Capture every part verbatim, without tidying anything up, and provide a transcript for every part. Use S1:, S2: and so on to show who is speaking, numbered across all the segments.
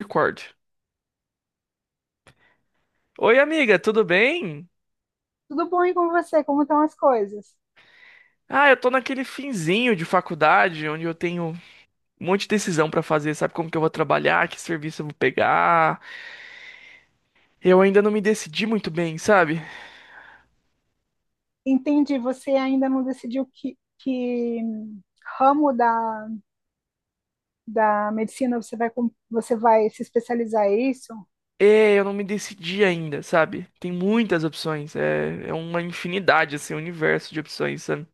S1: Record. Oi, amiga, tudo bem?
S2: Tudo bom e com você? Como estão as coisas?
S1: Ah, eu tô naquele finzinho de faculdade onde eu tenho um monte de decisão pra fazer, sabe? Como que eu vou trabalhar, que serviço eu vou pegar. Eu ainda não me decidi muito bem, sabe?
S2: Entendi, você ainda não decidiu que, que ramo da, da medicina você vai, com- você vai se especializar em isso?
S1: É, eu não me decidi ainda, sabe? Tem muitas opções, é, é uma infinidade, assim, um universo de opções, sabe?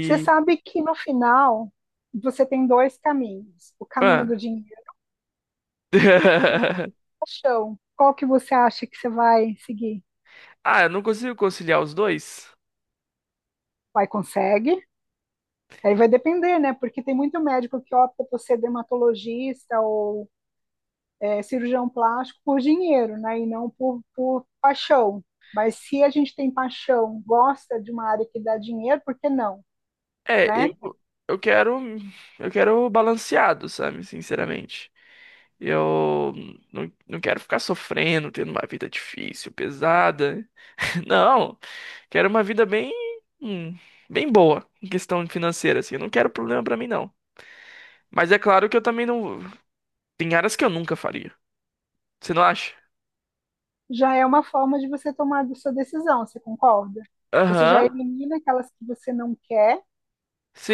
S2: Você sabe que no final você tem dois caminhos: o caminho do
S1: Ah,
S2: dinheiro e da paixão. Qual que você acha que você vai seguir?
S1: ah, eu não consigo conciliar os dois?
S2: Vai, consegue? Aí vai depender, né? Porque tem muito médico que opta por ser dermatologista ou é, cirurgião plástico por dinheiro, né? E não por, por paixão. Mas se a gente tem paixão, gosta de uma área que dá dinheiro, por que não,
S1: É,
S2: né?
S1: eu, eu quero. Eu quero balanceado, sabe? Sinceramente. Eu não, não quero ficar sofrendo, tendo uma vida difícil, pesada. Não, quero uma vida bem, hum, bem boa em questão financeira, assim. Eu não quero problema pra mim, não. Mas é claro que eu também não. Tem áreas que eu nunca faria. Você não acha?
S2: Já é uma forma de você tomar a sua decisão, você concorda? Você já
S1: Aham,
S2: elimina aquelas que você não quer,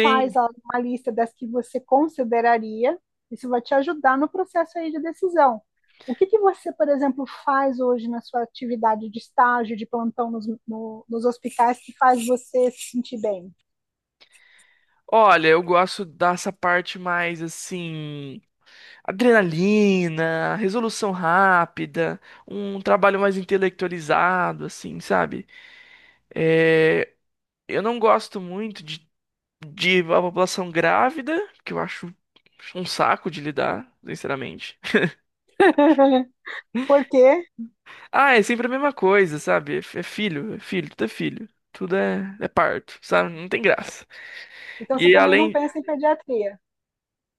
S2: faz a- uma lista das que você consideraria, isso vai te ajudar no processo aí de decisão. O que, que você, por exemplo, faz hoje na sua atividade de estágio, de plantão nos, no, nos hospitais que faz você se sentir bem?
S1: Olha, eu gosto dessa parte mais assim, adrenalina, resolução rápida, um trabalho mais intelectualizado, assim, sabe? É, eu não gosto muito de de a população grávida, que eu acho um saco de lidar, sinceramente.
S2: Por quê?
S1: Ah, é sempre a mesma coisa, sabe? É é filho, é filho, tudo é filho. Tudo é, é parto, sabe? Não tem graça.
S2: Então você
S1: E
S2: também não
S1: além.
S2: pensa em pediatria.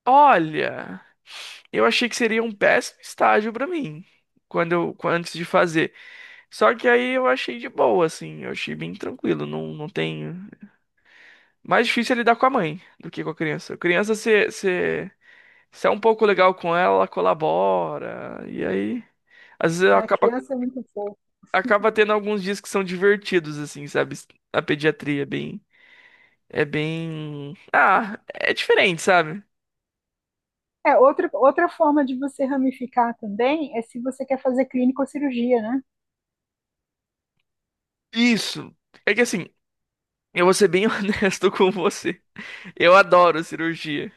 S1: Olha, eu achei que seria um péssimo estágio pra mim. Quando eu, quan- antes de fazer. Só que aí eu achei de boa, assim. Eu achei bem tranquilo. Não, não tem. Mais difícil é lidar com a mãe do que com a criança. A criança, você você- você é um pouco legal com ela, ela colabora. E aí. Às vezes eu
S2: A
S1: acaba,
S2: criança é muito fofa.
S1: acaba tendo alguns dias que são divertidos, assim, sabe? A pediatria é bem. É bem. Ah, é diferente, sabe?
S2: É, outra, outra forma de você ramificar também é se você quer fazer clínica ou cirurgia, né?
S1: Isso. É que assim, eu vou ser bem honesto com você. Eu adoro cirurgia.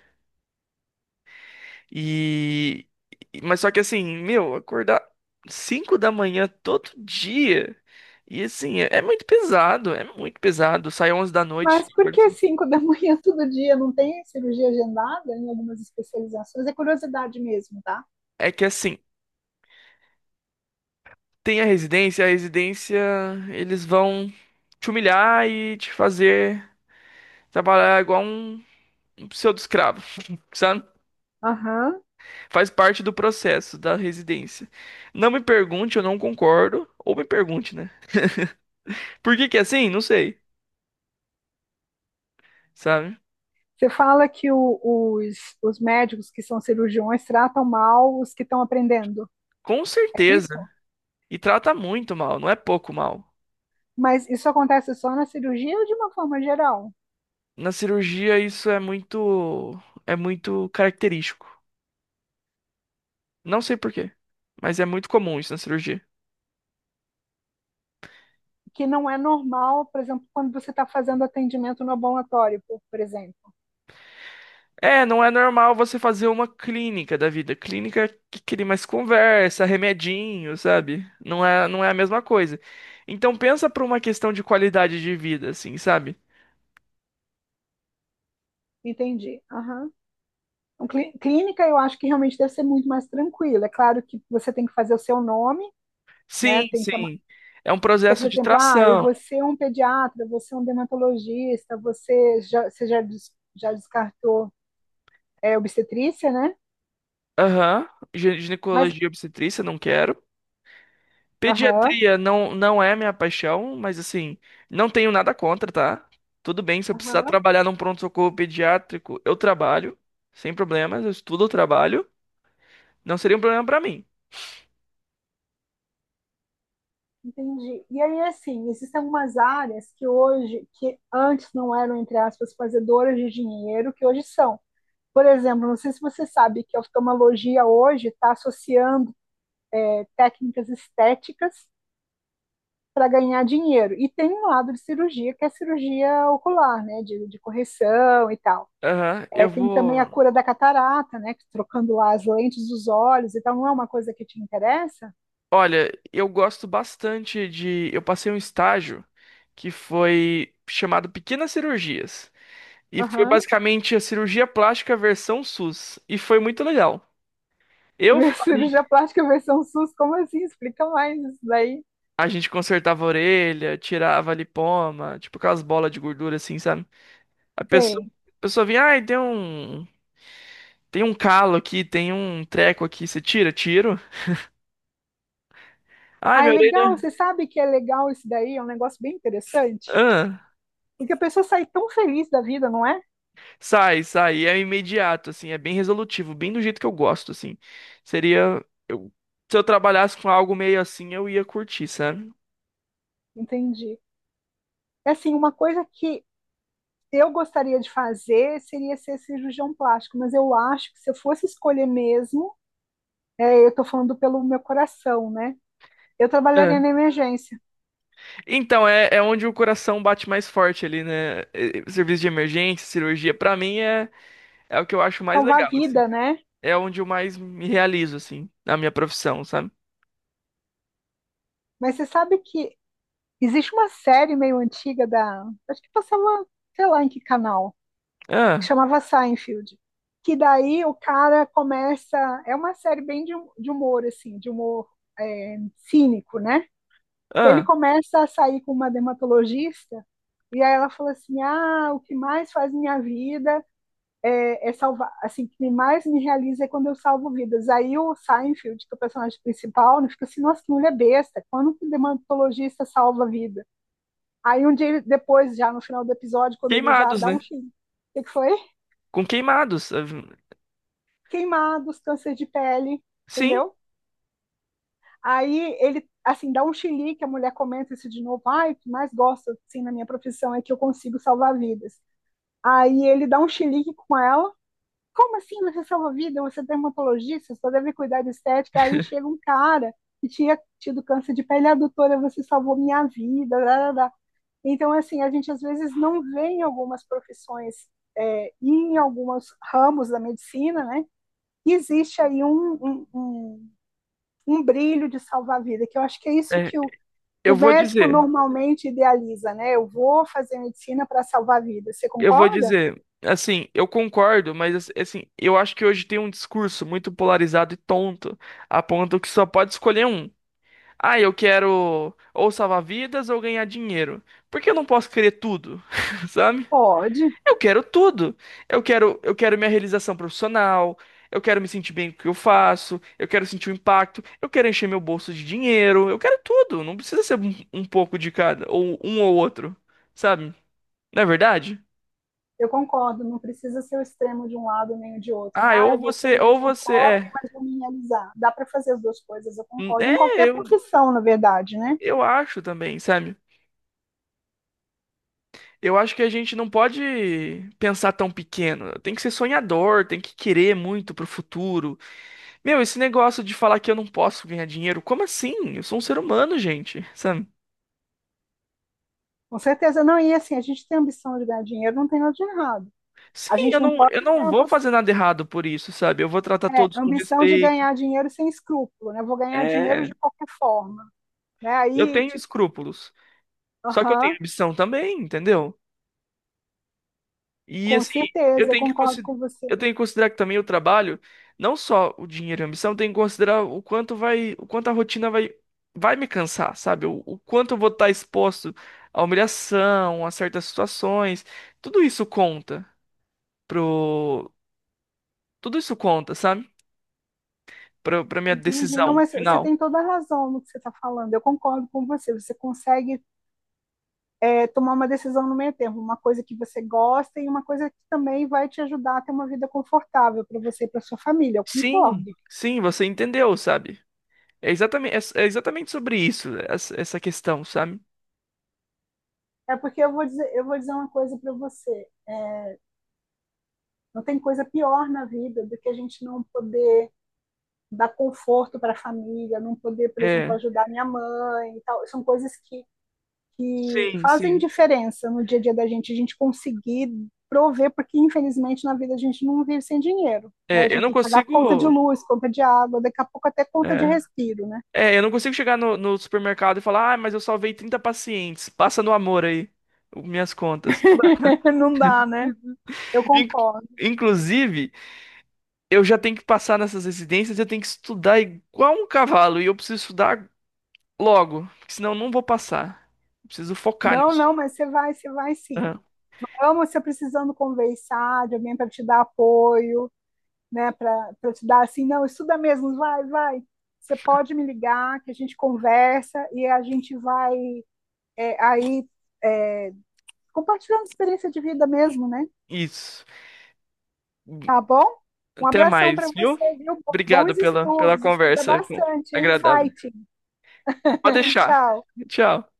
S1: E. Mas só que assim, meu, acordar cinco da manhã todo dia. E assim, é é muito pesado, é muito pesado. Sai onze da noite.
S2: Mas por que
S1: acorda-
S2: cinco da manhã todo dia não tem cirurgia agendada em algumas especializações? É curiosidade mesmo, tá?
S1: É que assim. Tem a residência, a residência eles vão te humilhar e te fazer trabalhar igual um, um pseudo-escravo, sabe?
S2: Aham.
S1: Faz parte do processo da residência. Não me pergunte, eu não concordo, ou me pergunte, né? Por que que é assim? Não sei, sabe?
S2: Você fala que o- os, os médicos que são cirurgiões tratam mal os que estão aprendendo,
S1: Com
S2: é isso?
S1: certeza. E trata muito mal, não é pouco mal.
S2: Mas isso acontece só na cirurgia ou de uma forma geral?
S1: Na cirurgia isso é muito é muito característico. Não sei por quê, mas é muito comum isso na cirurgia.
S2: Que não é normal, por exemplo, quando você está fazendo atendimento no ambulatório, por, por exemplo.
S1: É, não é normal você fazer uma clínica da vida. Clínica que cria mais conversa, remedinho, sabe? Não é, não é a mesma coisa. Então pensa para uma questão de qualidade de vida, assim, sabe?
S2: Entendi. Aham. Então, clí- clínica, eu acho que realmente deve ser muito mais tranquilo. É claro que você tem que fazer o seu nome, né?
S1: Sim,
S2: Tem que, ama-
S1: sim. É um
S2: então, por
S1: processo de
S2: exemplo, ah, eu
S1: tração.
S2: vou ser um pediatra, eu vou ser um dermatologista, você já, você já, des- já descartou é, obstetrícia, né?
S1: Aham. Gi-
S2: Mas,
S1: Ginecologia e obstetrícia, não quero.
S2: aham,
S1: Pediatria não, não é minha paixão, mas assim, não tenho nada contra, tá? Tudo bem, se eu precisar
S2: aham,
S1: trabalhar num pronto-socorro pediátrico, eu trabalho, sem problemas, eu estudo, eu trabalho. Não seria um problema pra mim.
S2: entendi. E aí, assim, existem algumas áreas que hoje, que antes não eram, entre aspas, fazedoras de dinheiro, que hoje são. Por exemplo, não sei se você sabe que a oftalmologia hoje está associando é, técnicas estéticas para ganhar dinheiro. E tem um lado de cirurgia, que é a cirurgia ocular, né, de, de correção e tal.
S1: Aham,
S2: É,
S1: eu
S2: tem também a
S1: vou.
S2: cura da catarata, né, trocando lá as lentes dos olhos e tal. Não é uma coisa que te interessa?
S1: Olha, eu gosto bastante de. Eu passei um estágio que foi chamado Pequenas Cirurgias. E foi
S2: Aham.
S1: basicamente a cirurgia plástica versão SUS. E foi muito legal. Eu
S2: Uhum.
S1: faria.
S2: Cirurgia plástica versão SUS, como assim? Explica mais isso daí.
S1: A gente consertava a orelha, tirava lipoma, tipo aquelas bolas de gordura assim, sabe? A pessoa,
S2: Tem.
S1: a pessoa vinha, ai, tem um. Tem um calo aqui, tem um treco aqui, você tira? Tiro. Ai,
S2: Ah, é
S1: minha orelha.
S2: legal, você sabe que é legal isso daí? É um negócio bem interessante.
S1: Ahn.
S2: Porque a pessoa sai tão feliz da vida, não é?
S1: Sai, sai, é imediato, assim, é bem resolutivo, bem do jeito que eu gosto, assim. Seria, eu, Se eu trabalhasse com algo meio assim, eu ia curtir, sabe?
S2: Entendi. É assim, uma coisa que eu gostaria de fazer seria ser cirurgião plástico, mas eu acho que se eu fosse escolher mesmo, é, eu estou falando pelo meu coração, né? Eu trabalharia na
S1: É.
S2: emergência,
S1: Então, é, é onde o coração bate mais forte ali, né? É, é, Serviço de emergência, cirurgia, pra mim é, é o que eu acho mais
S2: salvar a
S1: legal, assim.
S2: vida, né?
S1: É onde eu mais me realizo, assim, na minha profissão, sabe?
S2: Mas você sabe que existe uma série meio antiga da, acho que passava, sei lá em que canal, que
S1: Ah,
S2: chamava Seinfeld, que daí o cara começa, é uma série bem de, de humor, assim, de humor cínico, né? E ele
S1: ah,
S2: começa a sair com uma dermatologista e aí ela falou assim: "Ah, o que mais faz minha vida é, é salvar, assim, o que mais me realiza é quando eu salvo vidas". Aí o Seinfeld, que é o personagem principal, né, fica assim: "Nossa, que mulher besta, quando que dermatologista salva a vida?". Aí um dia depois, já no final do episódio, quando ele já
S1: queimados,
S2: dá um
S1: né?
S2: fim, o que que foi?
S1: Com queimados. Ah,
S2: Queimados, câncer de pele,
S1: Sim,
S2: entendeu? Aí ele assim dá um chilique, a mulher comenta isso de novo, ai, o que mais gosto assim na minha profissão é que eu consigo salvar vidas. Aí ele dá um chilique com ela. Como assim você salva a vida? Você é dermatologista, você só deve cuidar de estética. Aí chega um cara que tinha tido câncer de pele, a doutora, você salvou minha vida. Lá, lá, lá. Então, assim, a gente às vezes não vê em algumas profissões é, e em alguns ramos da medicina, né? Existe aí um, um, um, um brilho de salvar a vida, que eu acho que é isso
S1: é,
S2: que o,
S1: eu
S2: o
S1: vou
S2: médico
S1: dizer.
S2: normalmente idealiza, né? Eu vou fazer medicina para salvar a vida. Você
S1: Eu vou
S2: concorda?
S1: dizer, assim, eu concordo, mas assim, eu acho que hoje tem um discurso muito polarizado e tonto, a ponto que só pode escolher um. Ah, eu quero ou salvar vidas ou ganhar dinheiro. Por que eu não posso querer tudo? Sabe?
S2: Pode.
S1: Eu quero tudo. Eu quero, eu quero minha realização profissional, eu quero me sentir bem com o que eu faço, eu quero sentir o impacto, eu quero encher meu bolso de dinheiro, eu quero tudo. Não precisa ser um, um pouco de cada, ou um ou outro, sabe? Não é verdade?
S2: Eu concordo, não precisa ser o extremo de um lado nem o de outro. Né?
S1: Ah,
S2: Ah,
S1: ou
S2: eu vou ser um
S1: você, ou
S2: médico
S1: você
S2: pobre,
S1: é.
S2: mas vou me realizar. Dá para fazer as duas coisas, eu
S1: Hum,
S2: concordo.
S1: É,
S2: Em qualquer
S1: eu,
S2: profissão, na verdade, né?
S1: eu acho também, sabe? Eu acho que a gente não pode pensar tão pequeno. Tem que ser sonhador, tem que querer muito pro futuro. Meu, esse negócio de falar que eu não posso ganhar dinheiro, como assim? Eu sou um ser humano, gente, sabe?
S2: Com certeza. Não, e assim, a gente tem ambição de ganhar dinheiro, não tem nada de errado.
S1: Sim,
S2: A gente
S1: eu
S2: não
S1: não,
S2: pode
S1: eu não
S2: ter
S1: vou
S2: ambição
S1: fazer nada errado por isso, sabe? Eu vou tratar
S2: é,
S1: todos com
S2: ambição de
S1: respeito.
S2: ganhar dinheiro sem escrúpulo, né? Vou ganhar dinheiro de
S1: É,
S2: qualquer forma, né?
S1: eu
S2: Aí,
S1: tenho
S2: tipo,
S1: escrúpulos. Só que eu
S2: aham,
S1: tenho
S2: uhum,
S1: ambição também, entendeu? E
S2: com
S1: assim, eu
S2: certeza, eu
S1: tenho que
S2: concordo
S1: consi-
S2: com você.
S1: eu tenho que considerar que também o trabalho, não só o dinheiro e a ambição, eu tenho que considerar o quanto vai, o quanto a rotina vai vai me cansar, sabe? O, o quanto eu vou estar exposto à humilhação, a certas situações. Tudo isso conta pro, tudo isso conta, sabe? Pra, pra minha
S2: Entendi. Não,
S1: decisão
S2: mas você tem
S1: final.
S2: toda a razão no que você está falando. Eu concordo com você. Você consegue é tomar uma decisão no meio termo, uma coisa que você gosta e uma coisa que também vai te ajudar a ter uma vida confortável para você e para sua família. Eu
S1: Sim,
S2: concordo.
S1: sim, você entendeu, sabe? É exatamente, é, é exatamente sobre isso, essa essa questão, sabe?
S2: É porque eu vou dizer, eu vou dizer uma coisa para você. Não tem coisa pior na vida do que a gente não poder dar conforto para a família, não poder, por exemplo,
S1: É,
S2: ajudar minha mãe e tal. São coisas que que
S1: sim,
S2: fazem
S1: sim.
S2: diferença no dia a dia da gente, a gente conseguir prover, porque infelizmente na vida a gente não vive sem dinheiro, né? A
S1: É, eu
S2: gente
S1: não
S2: tem que pagar conta de
S1: consigo.
S2: luz, conta de água, daqui a pouco até conta de
S1: é.
S2: respiro, né?
S1: É, eu não consigo chegar no, no supermercado e falar, ah, mas eu salvei trinta pacientes. Passa no amor aí, o- minhas contas.
S2: Não dá, né? Eu
S1: In-
S2: concordo.
S1: inclusive, eu já tenho que passar nessas residências, eu tenho que estudar igual um cavalo, e eu preciso estudar logo, porque senão eu não vou passar. Eu preciso focar
S2: Não,
S1: nisso.
S2: não, mas você vai, você vai sim.
S1: Aham,
S2: Amo você precisando conversar de alguém para te dar apoio, né? Para te dar assim, não, estuda mesmo, vai, vai. Você pode me ligar, que a gente conversa e a gente vai é, aí é, compartilhando experiência de vida mesmo, né?
S1: Isso.
S2: Tá bom? Um
S1: Até
S2: abração para
S1: mais, viu?
S2: você, viu?
S1: Obrigado
S2: Bons
S1: pela, pela
S2: estudos, estuda
S1: conversa com-
S2: bastante, hein?
S1: agradável.
S2: Fighting.
S1: Pode deixar.
S2: Tchau.
S1: Tchau.